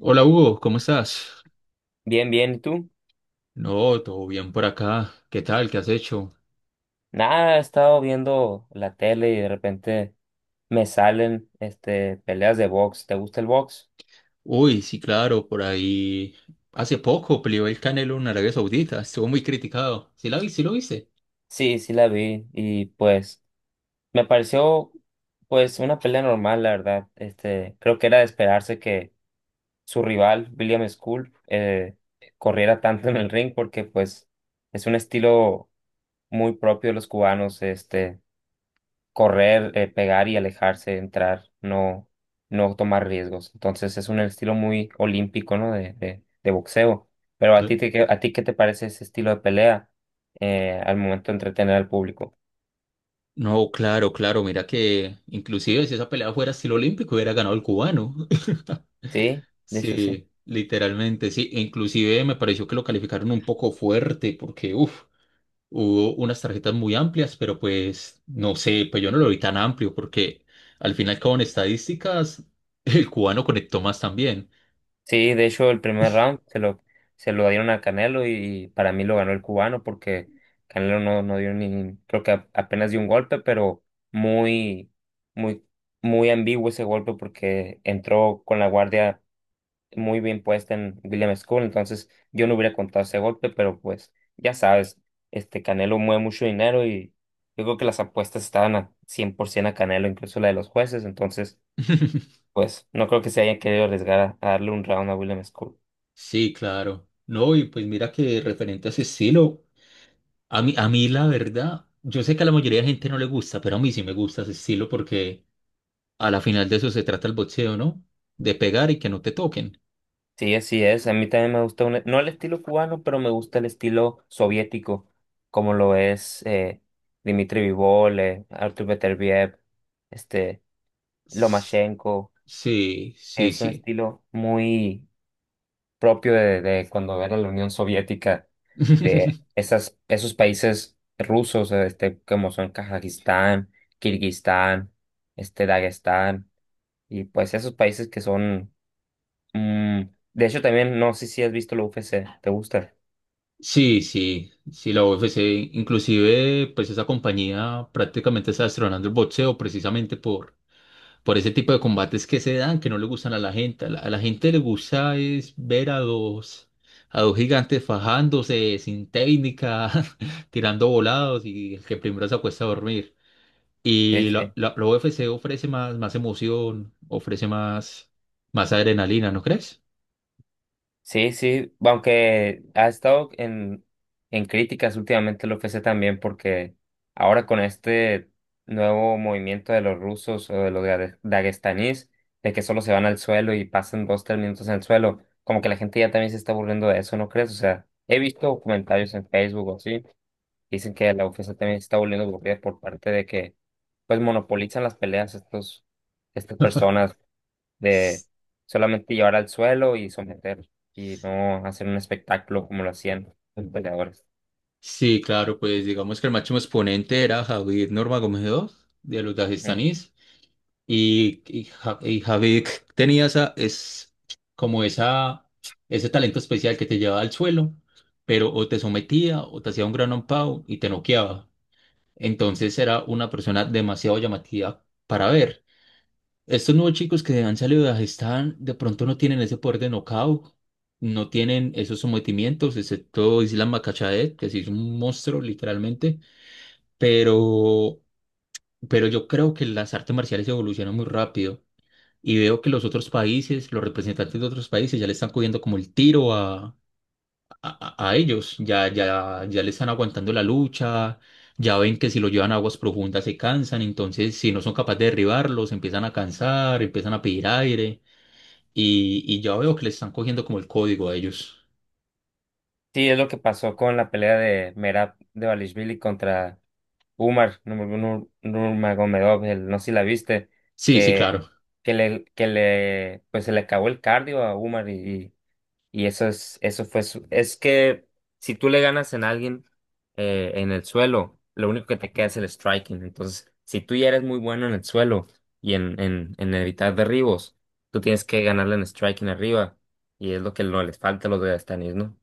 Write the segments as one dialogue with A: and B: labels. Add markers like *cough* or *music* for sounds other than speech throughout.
A: Hola Hugo, ¿cómo estás?
B: Bien, bien, ¿y tú?
A: No, todo bien por acá. ¿Qué tal? ¿Qué has hecho?
B: Nada, he estado viendo la tele y de repente me salen peleas de box. ¿Te gusta el box?
A: Uy, sí, claro, por ahí. Hace poco peleó el Canelo en Arabia Saudita. Estuvo muy criticado. ¿Sí la vi? ¿Sí lo viste?
B: Sí, sí la vi y pues me pareció pues una pelea normal, la verdad. Creo que era de esperarse que su rival, William School, corriera tanto en el ring porque pues es un estilo muy propio de los cubanos. Correr, pegar y alejarse, entrar, no, no tomar riesgos. Entonces es un estilo muy olímpico, ¿no? De boxeo. Pero
A: Cre-
B: ¿a ti qué te parece ese estilo de pelea al momento de entretener al público?
A: No, claro, claro. Mira que inclusive si esa pelea fuera estilo olímpico hubiera ganado el cubano. *laughs*
B: Sí, de hecho sí.
A: Sí, literalmente, sí. E inclusive me pareció que lo calificaron un poco fuerte porque, uff. Hubo unas tarjetas muy amplias, pero pues no sé, pues yo no lo vi tan amplio porque al final con estadísticas *laughs* el cubano conectó más también.
B: Sí, de hecho el primer round se lo dieron a Canelo y para mí lo ganó el cubano porque Canelo no dio ni, creo que apenas dio un golpe, pero muy, muy, muy ambiguo ese golpe porque entró con la guardia muy bien puesta en William School, entonces yo no hubiera contado ese golpe, pero pues ya sabes, este Canelo mueve mucho dinero y yo creo que las apuestas estaban a 100% a Canelo, incluso la de los jueces, entonces
A: *laughs*
B: pues no creo que se hayan querido arriesgar a darle un round a William School.
A: Sí, claro. No, y pues mira que referente a ese estilo, a mí la verdad, yo sé que a la mayoría de gente no le gusta, pero a mí sí me gusta ese estilo porque a la final de eso se trata el boxeo, ¿no? De pegar y que no te toquen.
B: Sí, así es, a mí también me gusta, no el estilo cubano, pero me gusta el estilo soviético, como lo es Dmitry Bivol, Artur Beterbiev, este,
A: S-
B: Lomachenko,
A: Sí, sí,
B: es un
A: sí.
B: estilo muy propio de cuando era la Unión Soviética, de
A: *laughs*
B: esas, esos países rusos, como son Kazajistán, Kirguistán, Dagestán, y pues esos países que son, mm, de hecho también, no sé si has visto la UFC, ¿te gusta?
A: Sí, sí, sí, la UFC, inclusive, pues esa compañía prácticamente está destronando el boxeo precisamente por ese tipo de combates que se dan, que no le gustan a la gente. A la gente le gusta es ver a dos gigantes fajándose sin técnica, *laughs* tirando volados y el que primero se acuesta a dormir.
B: Sí,
A: Y la,
B: sí.
A: la, la UFC ofrece más, más emoción, ofrece más, más adrenalina, ¿no crees?
B: Sí, sí, aunque ha estado en críticas últimamente el UFC también porque ahora con este nuevo movimiento de los rusos o de los daguestanís, de que solo se van al suelo y pasan dos, tres minutos en el suelo, como que la gente ya también se está aburriendo de eso, ¿no crees? O sea, he visto comentarios en Facebook o así, dicen que la UFC también se está volviendo aburrida por parte de que pues monopolizan las peleas estas personas de solamente llevar al suelo y someter y no hacer un espectáculo como lo hacían los peleadores.
A: Sí, claro, pues digamos que el máximo exponente era Javid Nurmagomedov de los
B: Ujú.
A: dagestanís y Javid tenía esa, es como esa, ese talento especial que te llevaba al suelo, pero o te sometía o te hacía un gran pound y te noqueaba. Entonces era una persona demasiado llamativa para ver. Estos nuevos chicos que han salido de Dagestán de pronto no tienen ese poder de knockout, no tienen esos sometimientos, excepto Islam Makhachev, que sí es un monstruo literalmente, pero, pero yo creo que las artes marciales evolucionan muy rápido y veo que los otros países, los representantes de otros países ya le están cogiendo como el tiro a ellos, ya le están aguantando la lucha, ya ven que si lo llevan a aguas profundas se cansan, entonces si no son capaces de derribarlos, empiezan a cansar, empiezan a pedir aire. Y ya veo que le están cogiendo como el código a ellos.
B: Sí, es lo que pasó con la pelea de Merab Devalishvili contra Umar Nurmagomedov, no sé si la viste,
A: Sí, sí,
B: que,
A: claro.
B: que le, pues se le acabó el cardio a Umar y eso fue es que si tú le ganas en alguien en el suelo, lo único que te queda es el striking. Entonces, si tú ya eres muy bueno en el suelo y en evitar derribos, tú tienes que ganarle en striking arriba. Y es lo que no les falta a los Dagestanis, ¿no?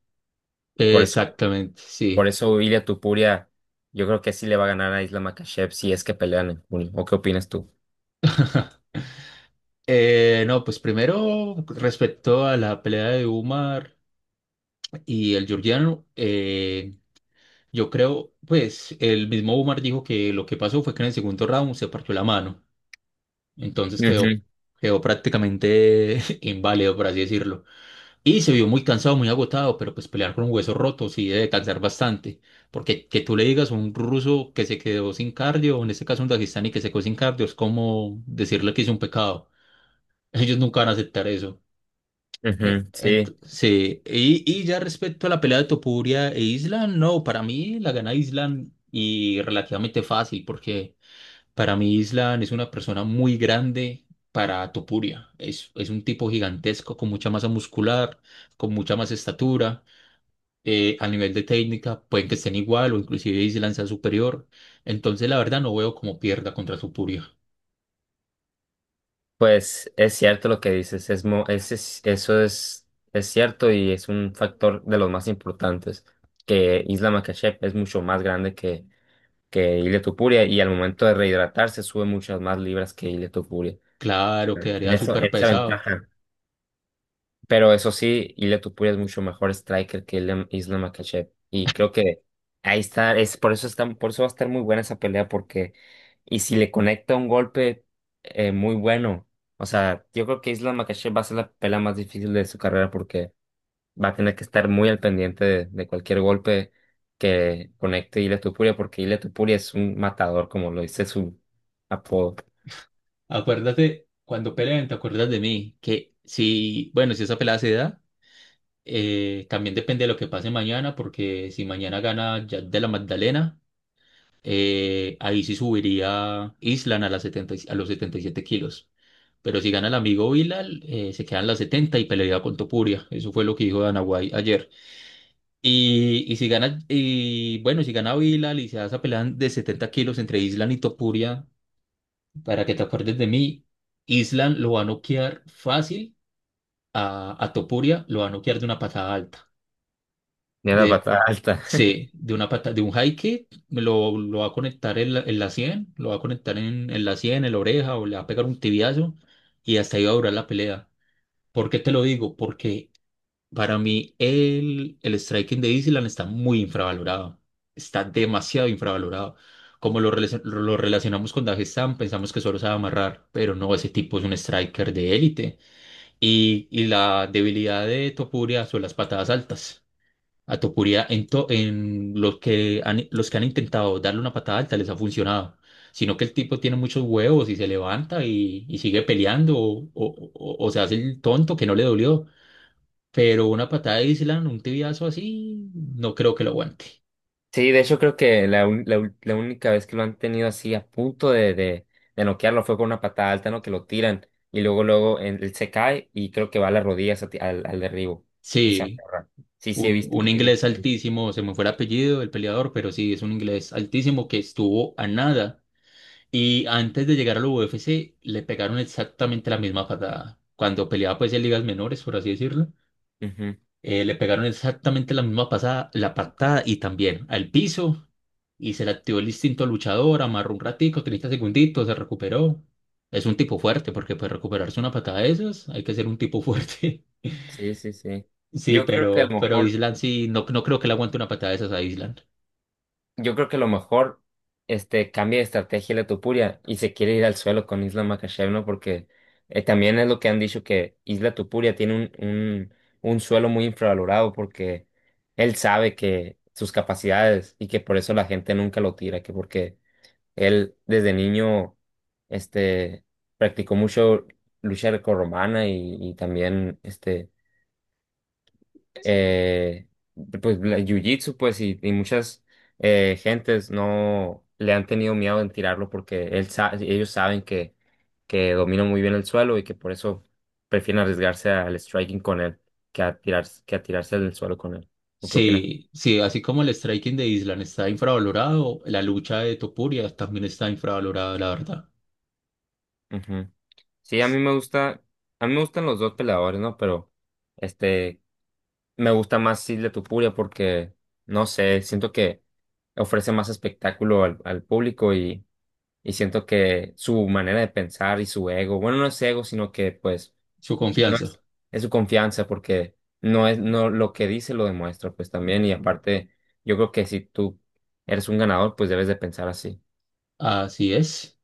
B: Por eso,
A: Exactamente,
B: por
A: sí.
B: eso Ilia Tupuria, yo creo que sí le va a ganar a Isla Makhachev si es que pelean en junio. ¿O qué opinas tú?
A: No, pues primero, respecto a la pelea de Umar y el georgiano, yo creo, pues el mismo Umar dijo que lo que pasó fue que en el segundo round se partió la mano. Entonces
B: Ujú,
A: quedó, quedó prácticamente *laughs* inválido, por así decirlo. Y se vio muy cansado, muy agotado, pero pues pelear con un hueso roto sí debe cansar bastante. Porque que tú le digas a un ruso que se quedó sin cardio, o en este caso un dagestani que se quedó sin cardio, es como decirle que hizo un pecado. *laughs* Ellos nunca van a aceptar eso.
B: ujú, sí.
A: Sí, y ya respecto a la pelea de Topuria e Island, no, para mí la gana Island y relativamente fácil, porque para mí, Island es una persona muy grande para Topuria. Es un tipo gigantesco, con mucha masa muscular, con mucha más estatura. A nivel de técnica, pueden que estén igual o inclusive Island sea superior. Entonces, la verdad, no veo cómo pierda contra Topuria.
B: Pues es cierto lo que dices, es, mo- es- eso es cierto y es un factor de los más importantes, que Isla Makhachev es mucho más grande que Ilia Topuria y al momento de rehidratarse sube muchas más libras que Ilia Topuria.
A: Claro,
B: En
A: quedaría
B: eso,
A: súper
B: esa
A: pesado.
B: ventaja. Pero eso sí, Ilia Topuria es mucho mejor striker que Islam Makhachev. Y creo que ahí está, es por eso está, por eso va a estar muy buena esa pelea, porque y si le conecta un golpe muy bueno, o sea, yo creo que Islam Makhachev va a ser la pelea más difícil de su carrera porque va a tener que estar muy al pendiente de cualquier golpe que conecte Ilia Topuria, porque Ilia Topuria es un matador, como lo dice su apodo,
A: Acuérdate, cuando peleen, te acuerdas de mí, que si, bueno, si esa pelea se da, también depende de lo que pase mañana, porque si mañana gana Jack de la Magdalena. Ahí sí subiría Island a, las 70 a los 77 kilos. Pero si gana el amigo Bilal, se quedan las 70 y pelea con Topuria. Eso fue lo que dijo Dana ayer. Y si gana, y bueno, si gana Bilal y se hace esa pelea de 70 kilos entre Island y Topuria, para que te acuerdes de mí, Island lo va a noquear fácil a Topuria, lo va a noquear de una patada alta.
B: de la
A: De
B: patada alta. *laughs*
A: Sí, de una pata, de un high kick, lo va a conectar en en la sien, lo va a conectar en la sien, en la oreja, o le va a pegar un tibiazo, y hasta ahí va a durar la pelea. ¿Por qué te lo digo? Porque para mí el striking de Island está muy infravalorado. Está demasiado infravalorado. Lo relacionamos con Dagestan, pensamos que solo sabe amarrar, pero no, ese tipo es un striker de élite. Y la debilidad de Topuria son las patadas altas. A Topuria, en los que han intentado darle una patada alta les ha funcionado, sino que el tipo tiene muchos huevos y se levanta y sigue peleando o se hace el tonto que no le dolió, pero una patada de Island, un tibiazo así, no creo que lo aguante.
B: Sí, de hecho creo que la, un- la, ul- la única vez que lo han tenido así a punto de noquearlo fue con una patada alta, ¿no? Que lo tiran y luego luego él se cae y creo que va a las rodillas a al derribo y se
A: Sí,
B: aferra. Sí, sí he visto,
A: un
B: sí he visto.
A: inglés altísimo, se me fue el apellido del peleador, pero sí, es un inglés altísimo que estuvo a nada. Y antes de llegar a la UFC le pegaron exactamente la misma patada. Cuando peleaba pues en ligas menores, por así decirlo.
B: Ujú.
A: Le pegaron exactamente la misma pasada, la patada y también al piso. Y se le activó el instinto luchador, amarró un ratico, 30 segunditos, se recuperó. Es un tipo fuerte, porque para recuperarse una patada de esas hay que ser un tipo fuerte. *laughs*
B: Sí, sí, sí.
A: Sí,
B: Yo creo que a lo
A: pero
B: mejor
A: Island sí, no, no creo que le aguante una patada de esas a Island.
B: Yo creo que lo mejor, cambia de estrategia Letopuria y se quiere ir al suelo con Isla Makashevna porque también es lo que han dicho que Isla Tupuria tiene un suelo muy infravalorado porque él sabe que sus capacidades y que por eso la gente nunca lo tira, que porque él desde niño, este, practicó mucho lucha grecorromana y también, eh, pues jiu-jitsu pues y muchas gentes no le han tenido miedo en tirarlo porque ellos saben que domina muy bien el suelo y que por eso prefieren arriesgarse al striking con él que a tirar, que a tirarse al suelo con él. ¿O qué opinas?
A: Sí, sí, así como el striking de Island está infravalorado, la lucha de Topuria también está infravalorada, la verdad.
B: Ujú. Sí, a mí me gusta, a mí me gustan los dos peleadores, ¿no? Pero, este, me gusta más Silvia Tupuria porque, no sé, siento que ofrece más espectáculo al, al público y siento que su manera de pensar y su ego, bueno, no es ego, sino que, pues,
A: Su
B: no
A: confianza.
B: es, es su confianza porque no es, no, lo que dice lo demuestra, pues, también. Y aparte, yo creo que si tú eres un ganador, pues debes de pensar así.
A: Así es.